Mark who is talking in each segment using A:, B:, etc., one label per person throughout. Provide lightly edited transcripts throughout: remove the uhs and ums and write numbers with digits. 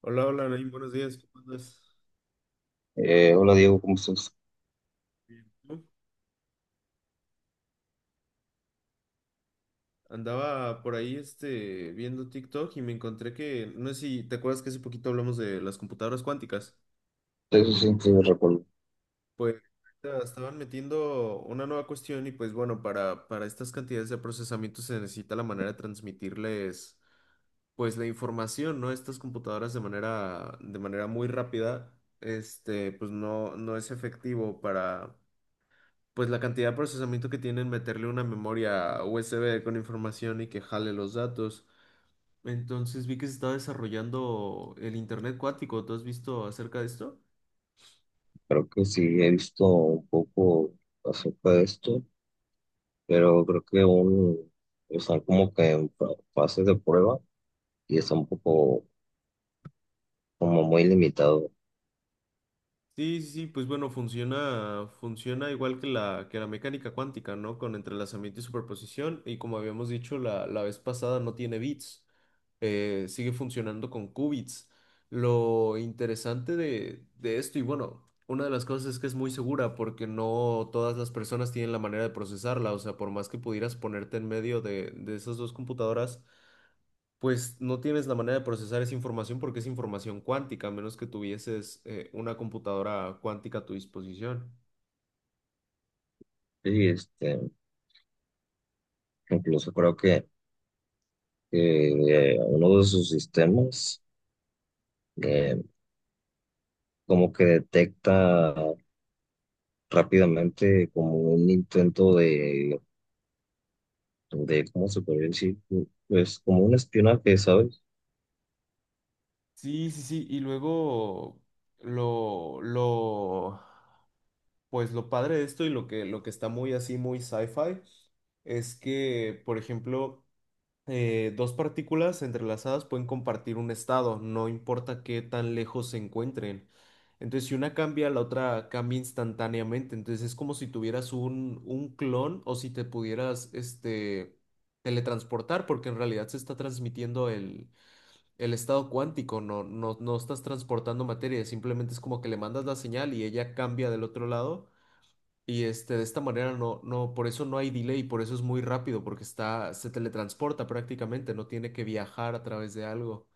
A: Hola, hola, Naim, buenos días, ¿cómo andas?
B: Hola Diego, ¿cómo estás?
A: Bien. ¿Tú? Andaba por ahí viendo TikTok y me encontré que, no sé si te acuerdas que hace poquito hablamos de las computadoras cuánticas.
B: Eso sí, sí lo recuerdo.
A: Pues ahorita estaban metiendo una nueva cuestión y pues bueno, para estas cantidades de procesamiento se necesita la manera de transmitirles pues la información, ¿no? Estas computadoras de manera muy rápida. Pues no, no es efectivo para pues la cantidad de procesamiento que tienen meterle una memoria USB con información y que jale los datos. Entonces vi que se está desarrollando el Internet cuántico. ¿Tú has visto acerca de esto?
B: Creo que sí he visto un poco acerca de esto, pero creo que aún están como que en fases de prueba y está un poco como muy limitado.
A: Sí, sí, sí, pues bueno, funciona, funciona igual que que la mecánica cuántica, ¿no? Con entrelazamiento y superposición, y como habíamos dicho la vez pasada, no tiene bits. Sigue funcionando con qubits. Lo interesante de esto, y bueno, una de las cosas es que es muy segura, porque no todas las personas tienen la manera de procesarla, o sea, por más que pudieras ponerte en medio de esas dos computadoras, pues no tienes la manera de procesar esa información porque es información cuántica, a menos que tuvieses una computadora cuántica a tu disposición.
B: Sí, este, incluso creo que, que uno de sus sistemas eh, como que detecta rápidamente como un intento de ¿cómo se podría decir? Pues como un espionaje, ¿sabes?
A: Sí, sí, sí. Y luego lo, lo, lo padre de esto y lo que está muy así, muy sci-fi, es que, por ejemplo, dos partículas entrelazadas pueden compartir un estado, no importa qué tan lejos se encuentren. Entonces, si una cambia, la otra cambia instantáneamente. Entonces, es como si tuvieras un clon o si te pudieras, teletransportar, porque en realidad se está transmitiendo el estado cuántico. No estás transportando materia, simplemente es como que le mandas la señal y ella cambia del otro lado. Y de esta manera por eso no hay delay, por eso es muy rápido, porque está, se teletransporta prácticamente, no tiene que viajar a través de algo.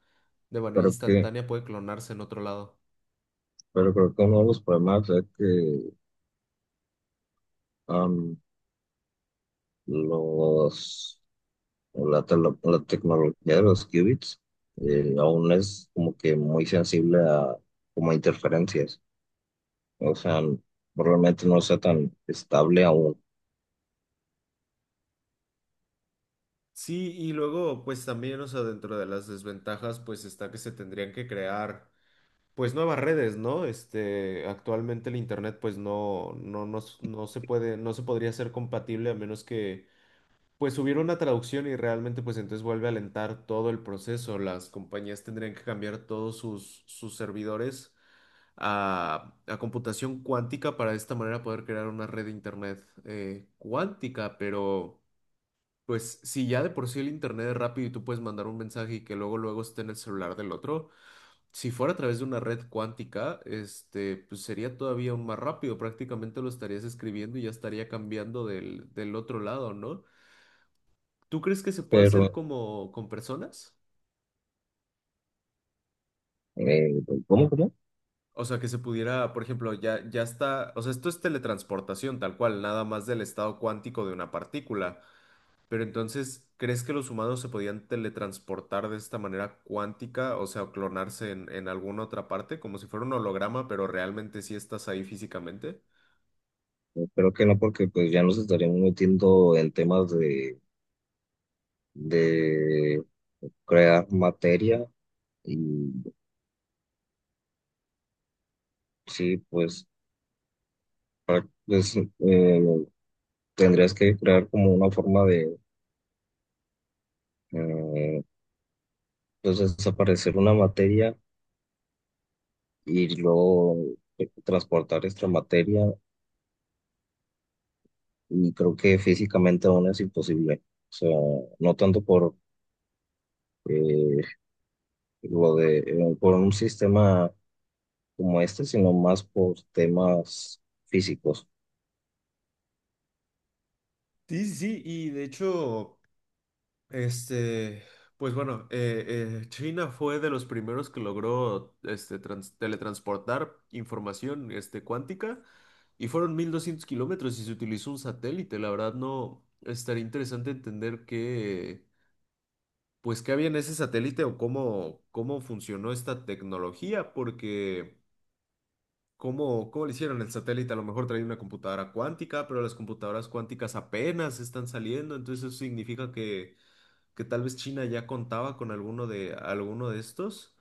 A: De manera
B: Creo que
A: instantánea puede clonarse en otro lado.
B: Pero creo que uno de los problemas es que am, los, la tecnología de los qubits aún es como que muy sensible a como a interferencias. O sea, probablemente no sea tan estable aún.
A: Sí, y luego, pues también, o sea, dentro de las desventajas, pues está que se tendrían que crear pues nuevas redes, ¿no? Actualmente el internet, pues no se puede, no se podría ser compatible a menos que pues subieron una traducción y realmente pues entonces vuelve a alentar todo el proceso. Las compañías tendrían que cambiar todos sus servidores a computación cuántica para de esta manera poder crear una red de internet cuántica. Pero pues si ya de por sí el internet es rápido y tú puedes mandar un mensaje y que luego luego esté en el celular del otro, si fuera a través de una red cuántica, pues sería todavía aún más rápido. Prácticamente lo estarías escribiendo y ya estaría cambiando del otro lado, ¿no? ¿Tú crees que se puede hacer
B: Pero,
A: como con personas?
B: eh, ¿cómo, cómo?
A: O sea, que se pudiera, por ejemplo, ya está, o sea, esto es teletransportación tal cual, nada más del estado cuántico de una partícula. Pero entonces, ¿crees que los humanos se podían teletransportar de esta manera cuántica, o sea, clonarse en alguna otra parte, como si fuera un holograma, pero realmente sí estás ahí físicamente?
B: Creo que no, porque pues ya nos estaríamos metiendo en temas de crear materia y sí, pues, pues tendrías que crear como una forma de eh, pues desaparecer una materia y luego transportar esta materia y creo que físicamente aún es imposible. O sea, no tanto por eh, lo de por un sistema como este, sino más por temas físicos.
A: Sí, sí, sí, y de hecho... Este, pues bueno, eh, China fue de los primeros que logró teletransportar información cuántica y fueron 1200 kilómetros y se utilizó un satélite. La verdad no estaría interesante entender qué, pues qué había en ese satélite o cómo funcionó esta tecnología, porque cómo le hicieron el satélite. A lo mejor traía una computadora cuántica, pero las computadoras cuánticas apenas están saliendo, entonces eso significa que tal vez China ya contaba con alguno alguno de estos.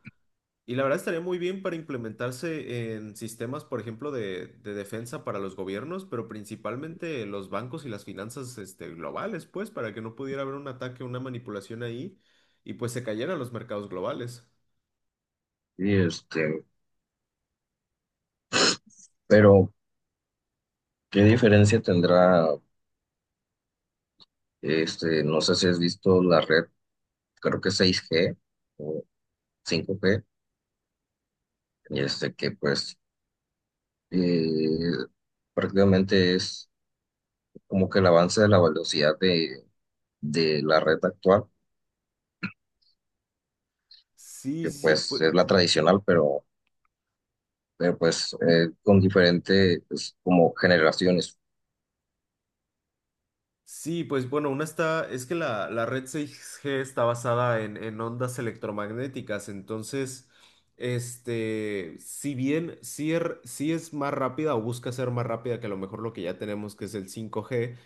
A: Y la verdad estaría muy bien para implementarse en sistemas, por ejemplo, de defensa para los gobiernos, pero principalmente los bancos y las finanzas, globales, pues, para que no pudiera haber un ataque, una manipulación ahí y pues se cayeran los mercados globales.
B: Y este, pero ¿qué diferencia tendrá este, no sé si has visto la red, creo que 6G o 5G y este que pues eh, prácticamente es como que el avance de la velocidad de la red actual,
A: Sí,
B: que
A: sí,
B: pues
A: pues
B: es la tradicional, pero, pero pues con diferentes pues, como generaciones.
A: sí, pues bueno, una está, es que la red 6G está basada en ondas electromagnéticas, entonces, si bien sí es más rápida o busca ser más rápida que a lo mejor lo que ya tenemos, que es el 5G.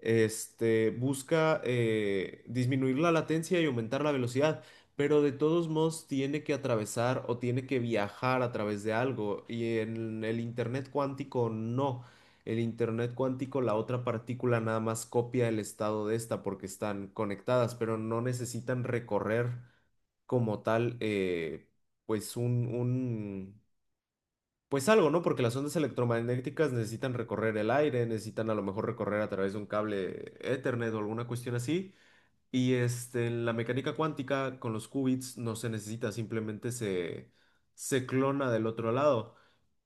A: Busca disminuir la latencia y aumentar la velocidad, pero de todos modos tiene que atravesar o tiene que viajar a través de algo, y en el Internet cuántico no. El internet cuántico, la otra partícula nada más copia el estado de esta porque están conectadas, pero no necesitan recorrer como tal, pues un, un, pues algo, ¿no? Porque las ondas electromagnéticas necesitan recorrer el aire, necesitan a lo mejor recorrer a través de un cable Ethernet o alguna cuestión así, y en la mecánica cuántica, con los qubits no se necesita, simplemente se clona del otro lado.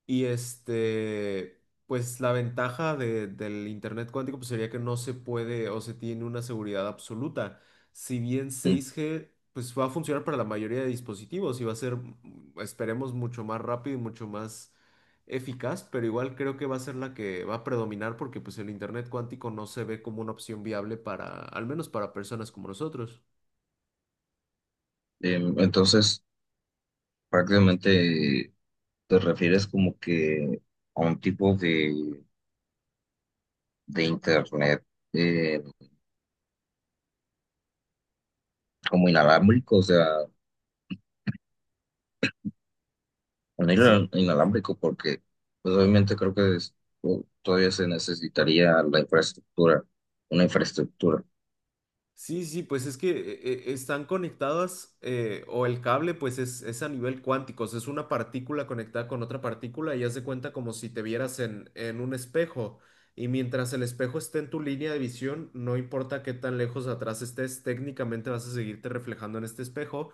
A: Y pues la ventaja del Internet cuántico pues, sería que no se puede o se tiene una seguridad absoluta. Si bien
B: Mm.
A: 6G pues va a funcionar para la mayoría de dispositivos y va a ser, esperemos, mucho más rápido y mucho más eficaz, pero igual creo que va a ser la que va a predominar porque pues el internet cuántico no se ve como una opción viable para, al menos para personas como nosotros.
B: Entonces, prácticamente te refieres como que a un tipo de internet eh, como inalámbrico, o sea, un hilo
A: Sí,
B: inalámbrico porque pues obviamente creo que todavía se necesitaría la infraestructura, una infraestructura.
A: sí, sí, pues es que están conectadas o el cable pues es a nivel cuántico, o sea, es una partícula conectada con otra partícula y haz de cuenta como si te vieras en un espejo y mientras el espejo esté en tu línea de visión, no importa qué tan lejos atrás estés, técnicamente vas a seguirte reflejando en este espejo.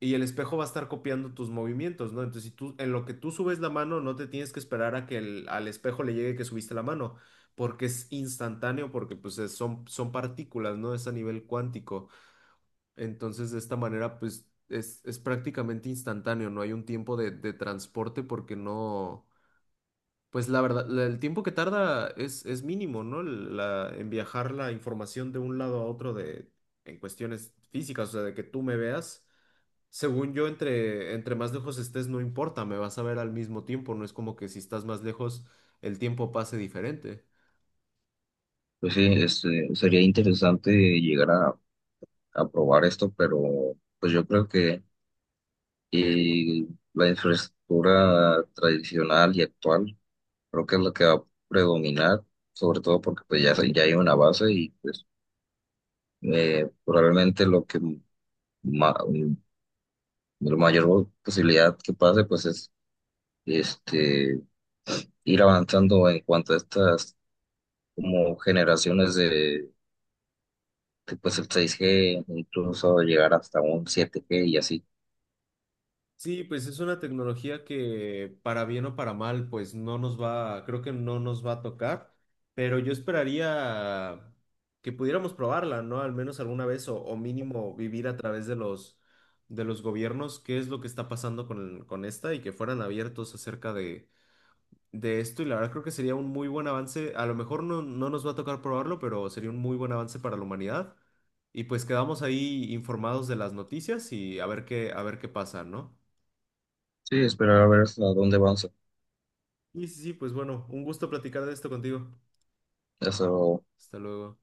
A: Y el espejo va a estar copiando tus movimientos, ¿no? Entonces, si tú, en lo que tú subes la mano, no te tienes que esperar a que al espejo le llegue que subiste la mano, porque es instantáneo, porque pues son partículas, ¿no? Es a nivel cuántico. Entonces, de esta manera, pues es prácticamente instantáneo, no hay un tiempo de transporte porque no, pues la verdad, el tiempo que tarda es mínimo, ¿no? En viajar la información de un lado a otro de, en cuestiones físicas, o sea, de que tú me veas. Según yo, entre más lejos estés, no importa, me vas a ver al mismo tiempo, no es como que si estás más lejos, el tiempo pase diferente.
B: Pues sí, este, sería interesante llegar a probar esto, pero pues yo creo que eh, la infraestructura tradicional y actual creo que es la que va a predominar, sobre todo porque pues ya, se- ya hay una base y pues probablemente lo que ma- la mayor posibilidad que pase pues es este, ir avanzando en cuanto a estas como generaciones de, pues el 6G incluso llegar hasta un 7G y así.
A: Sí, pues es una tecnología que para bien o para mal, pues no nos va, creo que no nos va a tocar, pero yo esperaría que pudiéramos probarla, ¿no? Al menos alguna vez o mínimo vivir a través de de los gobiernos, qué es lo que está pasando con esta y que fueran abiertos acerca de esto y la verdad creo que sería un muy buen avance. A lo mejor no nos va a tocar probarlo, pero sería un muy buen avance para la humanidad. Y pues quedamos ahí informados de las noticias y a ver qué pasa, ¿no?
B: Sí, esperar a ver hasta dónde avanza.
A: Y sí, sí, pues bueno, un gusto platicar de esto contigo.
B: Eso
A: Hasta luego.